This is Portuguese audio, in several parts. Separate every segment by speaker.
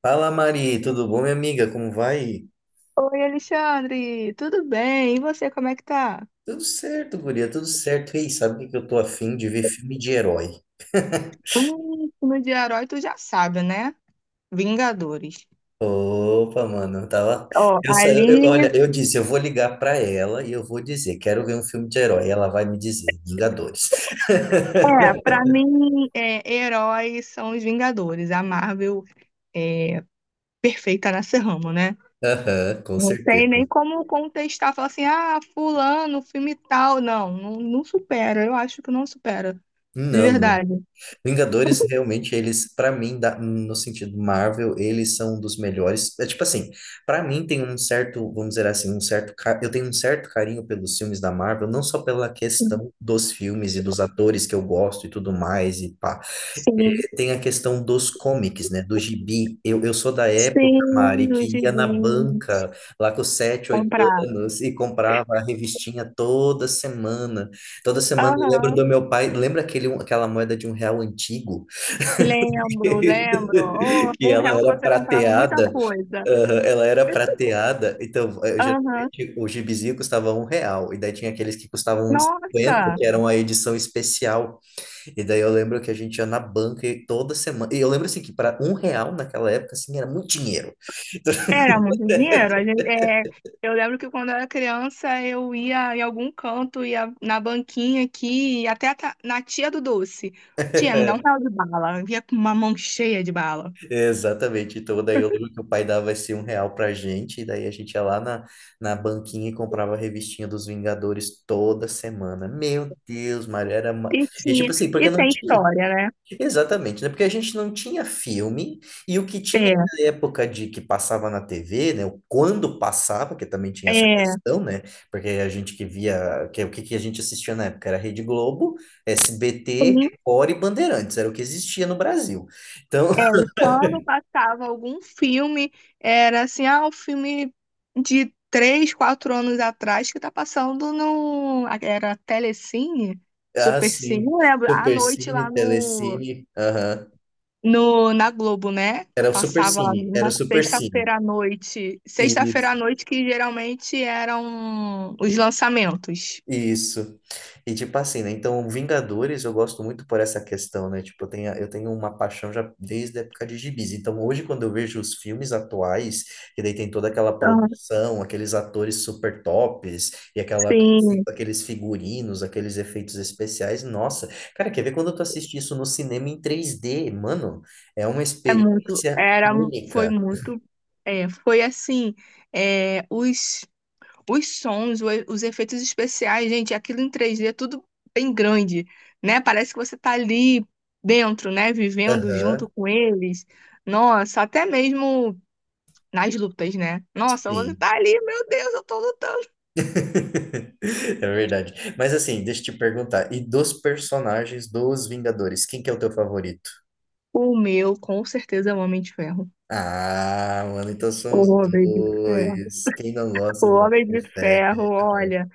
Speaker 1: Fala Mari, tudo bom, minha amiga? Como vai?
Speaker 2: Oi, Alexandre, tudo bem? E você, como é que tá?
Speaker 1: Tudo certo, guria, tudo certo. Ei, sabe o que que eu tô afim de ver filme de herói?
Speaker 2: Filme de herói, tu já sabe, né? Vingadores.
Speaker 1: Opa, mano, eu tava.
Speaker 2: Ó,
Speaker 1: Eu, sa- eu-
Speaker 2: ali,
Speaker 1: olha, eu disse, eu vou ligar pra ela e eu vou dizer, quero ver um filme de herói. Ela vai me dizer, Vingadores.
Speaker 2: pra mim, heróis são os Vingadores. A Marvel é perfeita nesse ramo, né?
Speaker 1: Aham, com
Speaker 2: Não tem nem
Speaker 1: certeza.
Speaker 2: como contestar, falar assim, ah, fulano, filme tal. Não, não, não supera, eu acho que não supera, de
Speaker 1: Não, não.
Speaker 2: verdade.
Speaker 1: Vingadores, realmente, eles, pra mim, no sentido Marvel, eles são um dos melhores. É tipo assim, pra mim tem um certo, vamos dizer assim, eu tenho um certo carinho pelos filmes da Marvel, não só pela questão dos filmes e dos atores que eu gosto e tudo mais, e pá.
Speaker 2: Sim,
Speaker 1: Tem a questão dos comics, né, do gibi. Eu sou da época, Mari,
Speaker 2: sim, os
Speaker 1: que ia na
Speaker 2: gibis,
Speaker 1: banca, lá com 7 8
Speaker 2: comprar.
Speaker 1: anos, e comprava a revistinha toda semana. Toda semana eu lembro
Speaker 2: Aham.
Speaker 1: do meu pai, lembra aquela moeda de R$ 1 antigo?
Speaker 2: Lembro, lembro. Oh,
Speaker 1: Que
Speaker 2: um
Speaker 1: ela
Speaker 2: real que
Speaker 1: era
Speaker 2: você comprava muita
Speaker 1: prateada,
Speaker 2: coisa.
Speaker 1: aham, ela era prateada, então
Speaker 2: Aham.
Speaker 1: geralmente o gibizinho custava R$ 1, e daí tinha aqueles que custavam uns 50,
Speaker 2: Nossa,
Speaker 1: que eram a edição especial. E daí eu lembro que a gente ia na banca e toda semana, e eu lembro assim que para R$ 1 naquela época, assim, era muito dinheiro.
Speaker 2: era muito dinheiro. A gente, eu lembro que quando eu era criança, eu ia em algum canto, ia na banquinha aqui, até na tia do doce. Tia, me dá R$ 1 de bala. Eu ia com uma mão cheia de bala.
Speaker 1: Exatamente. Então, daí eu lembro que o pai dava esse R$ 1 pra gente, e daí a gente ia lá na, na banquinha e comprava a revistinha dos Vingadores toda semana. Meu Deus, Mário, era. Uma...
Speaker 2: E
Speaker 1: E tipo
Speaker 2: tinha,
Speaker 1: assim, porque
Speaker 2: e
Speaker 1: não
Speaker 2: tem
Speaker 1: tinha.
Speaker 2: história, né?
Speaker 1: Exatamente, né? Porque a gente não tinha filme, e o que tinha
Speaker 2: É,
Speaker 1: na época de que passava na TV, né? o Quando passava, que também tinha essa
Speaker 2: é.
Speaker 1: questão, né? Porque a gente que via. O que, que a gente assistia na época era Rede Globo, SBT,
Speaker 2: Sim.
Speaker 1: Record e Bandeirantes, era o que existia no Brasil. Então,
Speaker 2: É, e quando passava algum filme, era assim, ah, o filme de 3, 4 anos atrás que tá passando no. Era Telecine,
Speaker 1: ah,
Speaker 2: Supercine,
Speaker 1: sim.
Speaker 2: eu lembro, à noite
Speaker 1: Supercine,
Speaker 2: lá no,
Speaker 1: Telecine. Aham.
Speaker 2: no, na Globo, né?
Speaker 1: Era o
Speaker 2: Passava
Speaker 1: Supercine. Era o
Speaker 2: na
Speaker 1: Supercine.
Speaker 2: sexta-feira à noite. Sexta-feira à noite que geralmente eram os lançamentos.
Speaker 1: Isso. E tipo assim, né? Então, Vingadores eu gosto muito por essa questão, né? Tipo, eu tenho uma paixão já desde a época de gibis. Então, hoje, quando eu vejo os filmes atuais, que daí tem toda aquela
Speaker 2: Ah,
Speaker 1: produção, aqueles atores super tops, e aquela,
Speaker 2: sim,
Speaker 1: aqueles figurinos, aqueles efeitos especiais, nossa, cara, quer ver quando tu assiste isso no cinema em 3D, mano? É uma
Speaker 2: é muito.
Speaker 1: experiência
Speaker 2: Foi
Speaker 1: única.
Speaker 2: muito. É, foi assim, é, os os sons, os efeitos especiais, gente, aquilo em 3D é tudo bem grande, né? Parece que você tá ali dentro, né? Vivendo
Speaker 1: Aham,
Speaker 2: junto com eles. Nossa, até mesmo nas lutas, né? Nossa, você
Speaker 1: sim.
Speaker 2: tá ali, meu Deus, eu tô lutando.
Speaker 1: É verdade. Mas assim, deixa eu te perguntar. E dos personagens dos Vingadores, quem que é o teu favorito?
Speaker 2: O meu, com certeza, é o Homem de Ferro.
Speaker 1: Ah, mano, então são
Speaker 2: O
Speaker 1: os
Speaker 2: Homem de Ferro.
Speaker 1: dois. Quem não
Speaker 2: O
Speaker 1: gosta do Homem
Speaker 2: Homem
Speaker 1: de
Speaker 2: de
Speaker 1: Ferro?
Speaker 2: Ferro, olha.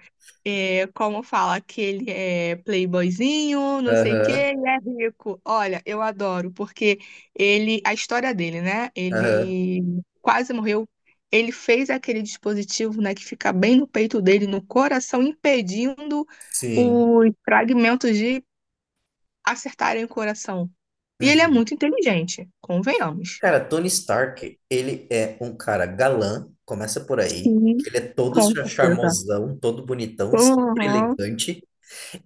Speaker 2: É, como fala que ele é playboyzinho, não sei o
Speaker 1: Aham,
Speaker 2: quê, e é rico. Olha, eu adoro, porque ele, a história dele, né?
Speaker 1: aham.
Speaker 2: Ele quase morreu. Ele fez aquele dispositivo, né, que fica bem no peito dele, no coração, impedindo
Speaker 1: Sim.
Speaker 2: os fragmentos de acertarem o coração. E ele é
Speaker 1: Uhum.
Speaker 2: muito inteligente, convenhamos.
Speaker 1: Cara, Tony Stark, ele é um cara galã, começa por aí.
Speaker 2: Sim,
Speaker 1: Ele é todo
Speaker 2: com
Speaker 1: char-
Speaker 2: certeza.
Speaker 1: charmosão, todo bonitão, sempre
Speaker 2: Uhum.
Speaker 1: elegante.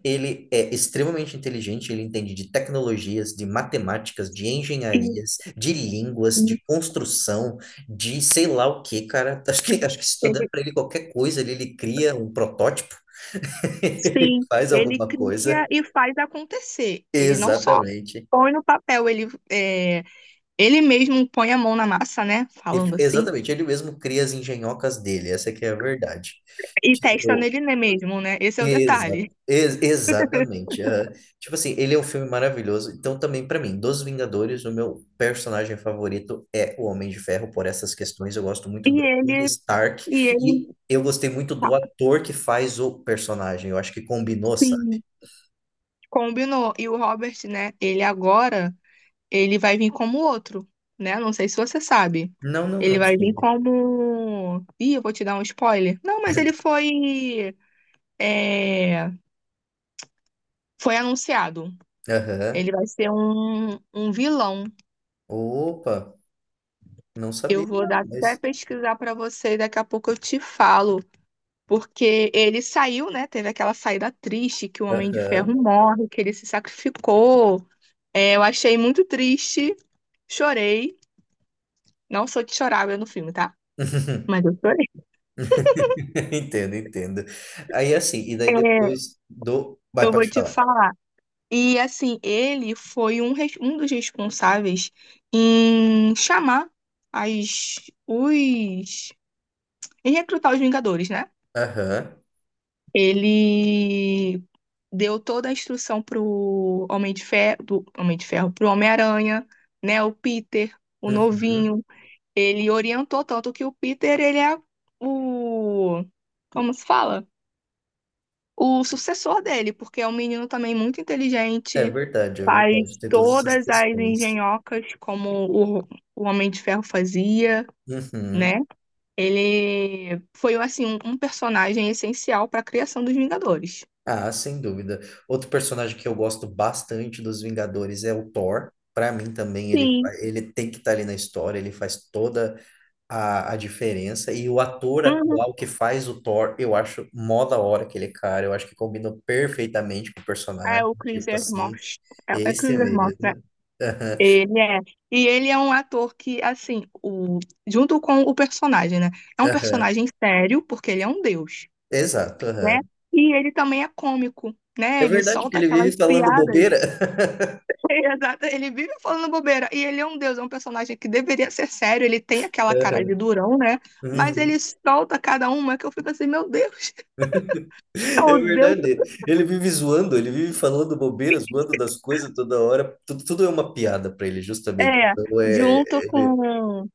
Speaker 1: Ele é extremamente inteligente, ele entende de tecnologias, de matemáticas, de
Speaker 2: E-
Speaker 1: engenharias, de línguas, de construção, de sei lá o que, cara. Acho que se tu der
Speaker 2: e
Speaker 1: pra ele qualquer coisa, ele cria um protótipo. Ele
Speaker 2: sim,
Speaker 1: faz
Speaker 2: ele
Speaker 1: alguma coisa.
Speaker 2: cria e faz acontecer. Ele não só
Speaker 1: Exatamente.
Speaker 2: põe no papel, ele, ele mesmo põe a mão na massa, né? Falando assim,
Speaker 1: Exatamente, ele mesmo cria as engenhocas dele, essa que é a verdade.
Speaker 2: e testa
Speaker 1: Tipo,
Speaker 2: nele mesmo, né? Esse é o
Speaker 1: Exa
Speaker 2: detalhe.
Speaker 1: ex- exatamente. É. Tipo assim, ele é um filme maravilhoso. Então, também para mim, dos Vingadores, o meu personagem favorito é o Homem de Ferro, por essas questões. Eu gosto
Speaker 2: E
Speaker 1: muito do
Speaker 2: ele,
Speaker 1: Tony Stark
Speaker 2: e
Speaker 1: e
Speaker 2: ele,
Speaker 1: eu gostei muito do
Speaker 2: tá,
Speaker 1: ator que faz o personagem. Eu acho que combinou, sabe?
Speaker 2: sim, combinou. E o Robert, né? Ele agora, ele vai vir como outro, né? Não sei se você sabe.
Speaker 1: Não, não,
Speaker 2: Ele
Speaker 1: não
Speaker 2: vai vir
Speaker 1: soube.
Speaker 2: como. Ih, eu vou te dar um spoiler. Não, mas ele foi. é, Foi anunciado.
Speaker 1: Aham.
Speaker 2: Ele vai ser um vilão.
Speaker 1: Opa, não sabia,
Speaker 2: Eu vou
Speaker 1: não,
Speaker 2: dar até
Speaker 1: mas.
Speaker 2: pesquisar para você e daqui a pouco eu te falo. Porque ele saiu, né? Teve aquela saída triste que o Homem de
Speaker 1: Aham.
Speaker 2: Ferro morre, que ele se sacrificou. É, eu achei muito triste, chorei. Não sou de chorar no filme, tá? Mas eu chorei.
Speaker 1: Entendo, entendo. Aí assim, e daí
Speaker 2: É,
Speaker 1: depois do. Vai,
Speaker 2: eu vou
Speaker 1: pode
Speaker 2: te
Speaker 1: falar.
Speaker 2: falar. E assim, ele foi um dos responsáveis em chamar as, os. Em recrutar os Vingadores, né?
Speaker 1: Aham.
Speaker 2: Ele deu toda a instrução pro Homem de Ferro, do Homem de Ferro, pro Homem-Aranha, né? O Peter, o
Speaker 1: Uhum.
Speaker 2: novinho. Ele orientou tanto que o Peter, ele é o, como se fala? O sucessor dele, porque é um menino também muito
Speaker 1: É
Speaker 2: inteligente,
Speaker 1: verdade, é
Speaker 2: faz
Speaker 1: verdade. Tem todas essas
Speaker 2: todas as
Speaker 1: questões.
Speaker 2: engenhocas como o Homem de Ferro fazia,
Speaker 1: Uhum.
Speaker 2: né? Ele foi assim um personagem essencial para a criação dos Vingadores.
Speaker 1: Ah, sem dúvida. Outro personagem que eu gosto bastante dos Vingadores é o Thor. Para mim também ele,
Speaker 2: Sim.
Speaker 1: ele tem que estar ali na história, ele faz toda a diferença. E o ator
Speaker 2: Uhum.
Speaker 1: atual que faz o Thor, eu acho mó da hora aquele cara. Eu acho que combina perfeitamente com o
Speaker 2: É
Speaker 1: personagem.
Speaker 2: o Chris
Speaker 1: Tipo assim,
Speaker 2: Evans. É, é
Speaker 1: esse é
Speaker 2: Chris Evans, né?
Speaker 1: mesmo. Aham,
Speaker 2: Ele é. E ele é um ator que, assim, junto com o personagem, né? É um
Speaker 1: aham.
Speaker 2: personagem sério, porque ele é um deus,
Speaker 1: Exato,
Speaker 2: né?
Speaker 1: aham.
Speaker 2: E ele também é cômico,
Speaker 1: É
Speaker 2: né? Ele
Speaker 1: verdade que
Speaker 2: solta
Speaker 1: ele vive
Speaker 2: aquelas
Speaker 1: falando
Speaker 2: piadas.
Speaker 1: bobeira.
Speaker 2: Exato, ele vive falando bobeira. E ele é um deus, é um personagem que deveria ser sério, ele tem aquela cara de
Speaker 1: Aham.
Speaker 2: durão, né? Mas ele
Speaker 1: Uhum.
Speaker 2: solta cada uma que eu fico assim, meu Deus, é
Speaker 1: É
Speaker 2: o deus.
Speaker 1: verdade. Ele vive zoando, ele vive falando bobeira, zoando das coisas toda hora. Tudo, tudo é uma piada para ele, justamente.
Speaker 2: É,
Speaker 1: Então é.
Speaker 2: junto
Speaker 1: Ele...
Speaker 2: com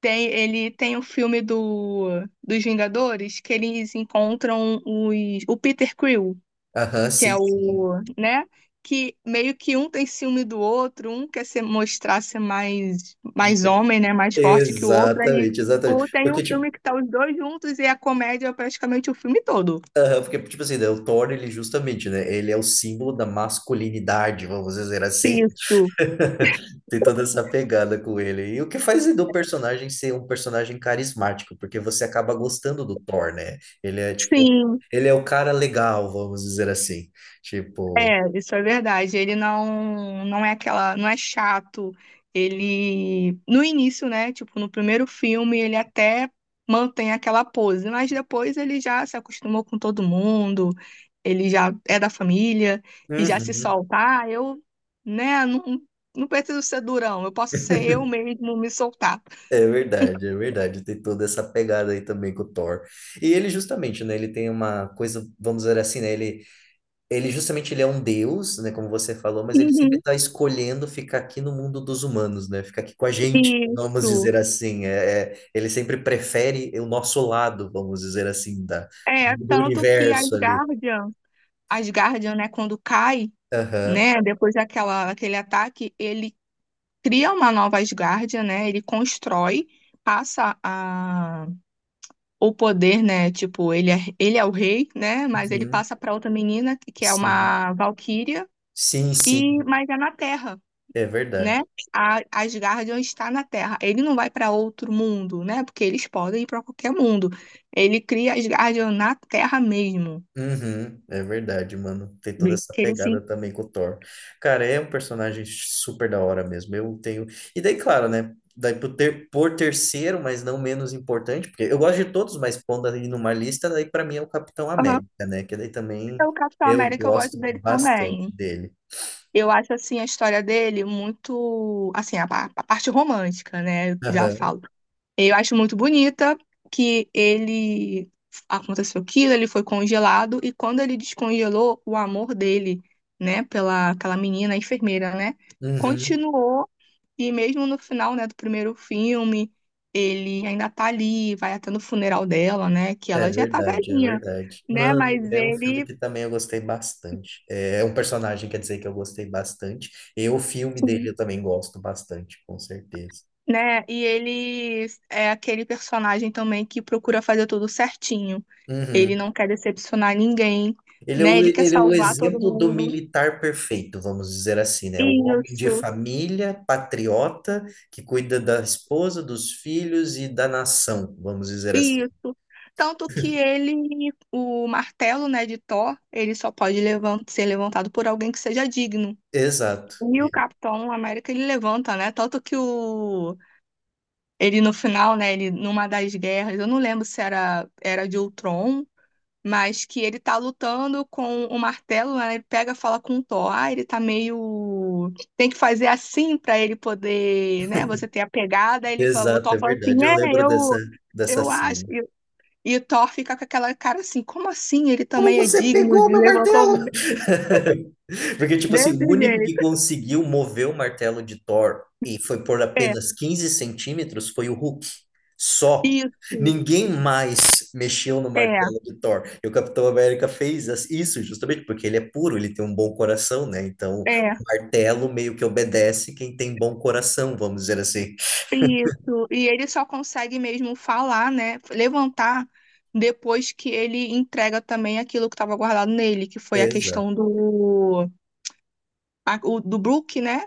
Speaker 2: Ele tem o filme dos Vingadores, que eles encontram o Peter Quill,
Speaker 1: Aham,
Speaker 2: que é
Speaker 1: sim, sim.
Speaker 2: o, né? Que meio que um tem ciúme do outro, um quer se mostrar ser mais, mais homem, né? Mais forte que o outro. Aí,
Speaker 1: Exatamente, exatamente.
Speaker 2: ou tem um
Speaker 1: Porque, tipo,
Speaker 2: filme que tá os dois juntos e a comédia é praticamente o filme todo.
Speaker 1: aham, porque, tipo assim, né, o Thor, ele justamente, né? Ele é o símbolo da masculinidade, vamos dizer assim.
Speaker 2: Isso.
Speaker 1: Tem toda essa pegada com ele. E o que faz do personagem ser um personagem carismático, porque você acaba gostando do Thor, né? Ele é tipo,
Speaker 2: Sim.
Speaker 1: ele é o cara legal, vamos dizer assim. Tipo,
Speaker 2: É, isso é verdade. Ele não não é aquela, não é chato. Ele no início, né, tipo, no primeiro filme, ele até mantém aquela pose, mas depois ele já se acostumou com todo mundo, ele já é da família e já se
Speaker 1: uhum,
Speaker 2: soltar, eu, né, não, não preciso ser durão, eu posso ser eu mesmo me soltar.
Speaker 1: é verdade, é verdade. Tem toda essa pegada aí também com o Thor. E ele justamente, né, ele tem uma coisa, vamos dizer assim, né, ele é um deus, né, como você falou, mas ele sempre
Speaker 2: Uhum.
Speaker 1: está escolhendo ficar aqui no mundo dos humanos, né? Ficar aqui com a gente, vamos
Speaker 2: Isso.
Speaker 1: dizer assim. É, ele sempre prefere o nosso lado, vamos dizer assim,
Speaker 2: É,
Speaker 1: do
Speaker 2: tanto que as
Speaker 1: universo ali.
Speaker 2: Guardian, as Guardian, né, quando cai
Speaker 1: Aham.
Speaker 2: né? Depois daquele ataque, ele cria uma nova Asgardia, né? Ele constrói, passa o poder, né? Tipo, ele é o rei, né? Mas ele
Speaker 1: Uhum.
Speaker 2: passa para outra menina, que é
Speaker 1: Sim,
Speaker 2: uma Valquíria,
Speaker 1: sim, sim,
Speaker 2: e mas é na Terra.
Speaker 1: é
Speaker 2: Né?
Speaker 1: verdade.
Speaker 2: A Asgardian está na Terra. Ele não vai para outro mundo, né? Porque eles podem ir para qualquer mundo. Ele cria Asgardian na Terra mesmo.
Speaker 1: Uhum, é verdade, mano. Tem toda essa
Speaker 2: Que ele se...
Speaker 1: pegada também com o Thor. Cara, é um personagem super da hora mesmo. Eu tenho. E daí, claro, né? Daí por terceiro, mas não menos importante, porque eu gosto de todos, mas pondo ali numa lista, daí pra mim é o Capitão
Speaker 2: Aham.
Speaker 1: América, né? Que daí também
Speaker 2: Então, o Capitão
Speaker 1: eu
Speaker 2: América, eu
Speaker 1: gosto
Speaker 2: gosto dele
Speaker 1: bastante
Speaker 2: também.
Speaker 1: dele.
Speaker 2: Eu acho assim a história dele muito, assim, a parte romântica, né? Eu já
Speaker 1: Aham.
Speaker 2: falo. Eu acho muito bonita que ele aconteceu aquilo, ele foi congelado e quando ele descongelou o amor dele, né, pela aquela menina, a enfermeira, né,
Speaker 1: Uhum.
Speaker 2: continuou e mesmo no final, né, do primeiro filme, ele ainda tá ali, vai até no funeral dela, né, que
Speaker 1: É
Speaker 2: ela já tá
Speaker 1: verdade, é
Speaker 2: velhinha,
Speaker 1: verdade.
Speaker 2: né,
Speaker 1: Mano,
Speaker 2: mas
Speaker 1: é um filme
Speaker 2: ele.
Speaker 1: que também eu gostei bastante. É um personagem, quer dizer, que eu gostei bastante. E o filme dele eu também gosto bastante, com certeza.
Speaker 2: Né? E ele é aquele personagem também que procura fazer tudo certinho. Ele
Speaker 1: Uhum.
Speaker 2: não quer decepcionar ninguém,
Speaker 1: Ele é
Speaker 2: né?
Speaker 1: o,
Speaker 2: Ele quer
Speaker 1: ele é o
Speaker 2: salvar todo
Speaker 1: exemplo do
Speaker 2: mundo.
Speaker 1: militar perfeito, vamos dizer assim, né? O homem de
Speaker 2: Isso,
Speaker 1: família, patriota, que cuida da esposa, dos filhos e da nação, vamos dizer assim.
Speaker 2: isso. Tanto que ele, o martelo, né, de Thor, ele só pode ser levantado por alguém que seja digno.
Speaker 1: Exato,
Speaker 2: E o
Speaker 1: E-
Speaker 2: Capitão América ele levanta, né? Tanto que o ele no final, né, ele numa das guerras, eu não lembro se era de Ultron, mas que ele tá lutando com o martelo, né? Ele pega, e fala com o Thor, ah, ele tá meio, tem que fazer assim pra ele poder, né? Você ter a pegada. Ele fala, o
Speaker 1: exato,
Speaker 2: Thor
Speaker 1: é
Speaker 2: fala assim,
Speaker 1: verdade. Eu
Speaker 2: é,
Speaker 1: lembro
Speaker 2: eu
Speaker 1: dessa
Speaker 2: eu acho.
Speaker 1: cena.
Speaker 2: E o Thor fica com aquela cara assim, como assim? Ele
Speaker 1: Como
Speaker 2: também é
Speaker 1: você
Speaker 2: digno
Speaker 1: pegou
Speaker 2: de
Speaker 1: meu
Speaker 2: levantar
Speaker 1: martelo? Porque, tipo assim,
Speaker 2: desse
Speaker 1: o único que
Speaker 2: jeito.
Speaker 1: conseguiu mover o martelo de Thor e foi por
Speaker 2: É,
Speaker 1: apenas 15 centímetros foi o Hulk. Só.
Speaker 2: isso.
Speaker 1: Ninguém mais mexeu no
Speaker 2: É,
Speaker 1: martelo de Thor. E o Capitão América fez isso justamente porque ele é puro, ele tem um bom coração, né? Então,
Speaker 2: é.
Speaker 1: o martelo meio que obedece quem tem bom coração, vamos dizer assim.
Speaker 2: Isso, e ele só consegue mesmo falar, né, levantar depois que ele entrega também aquilo que estava guardado nele, que foi a
Speaker 1: Exato.
Speaker 2: questão do a- o do Brook, né?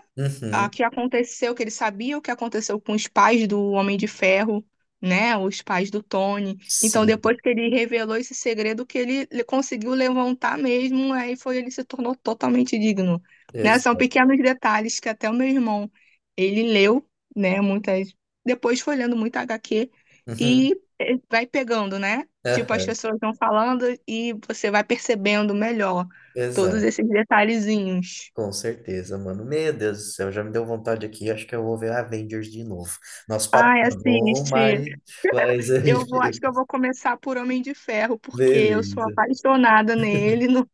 Speaker 2: A
Speaker 1: Uhum.
Speaker 2: que aconteceu, que ele sabia o que aconteceu com os pais do Homem de Ferro, né? Os pais do Tony. Então, depois
Speaker 1: Sim.
Speaker 2: que ele revelou esse segredo, que ele conseguiu levantar mesmo, aí foi, ele se tornou totalmente digno. Né? São
Speaker 1: Exato.
Speaker 2: pequenos detalhes que até o meu irmão, ele leu, né? Muitas. Depois foi lendo muita HQ
Speaker 1: Uhum.
Speaker 2: e vai pegando, né? Tipo, as
Speaker 1: Aham.
Speaker 2: pessoas vão falando e você vai percebendo melhor todos
Speaker 1: Exato.
Speaker 2: esses detalhezinhos.
Speaker 1: Com certeza, mano. Meu Deus do céu, já me deu vontade aqui. Acho que eu vou ver Avengers de novo. Nosso papo
Speaker 2: Ai,
Speaker 1: tá bom,
Speaker 2: assiste.
Speaker 1: Mari, mas a
Speaker 2: Eu
Speaker 1: gente...
Speaker 2: vou, acho que eu vou começar por Homem de Ferro, porque eu sou
Speaker 1: Beleza.
Speaker 2: apaixonada nele, no,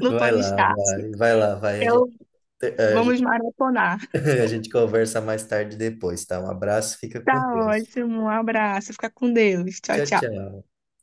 Speaker 2: no Tony
Speaker 1: lá,
Speaker 2: Stark.
Speaker 1: vai. Vai lá, vai.
Speaker 2: Eu,
Speaker 1: A
Speaker 2: vamos
Speaker 1: gente,
Speaker 2: maratonar.
Speaker 1: a gente conversa mais tarde depois, tá? Um abraço, fica
Speaker 2: Tá
Speaker 1: com Deus.
Speaker 2: ótimo, um abraço, fica com Deus. Tchau,
Speaker 1: Tchau,
Speaker 2: tchau.
Speaker 1: tchau.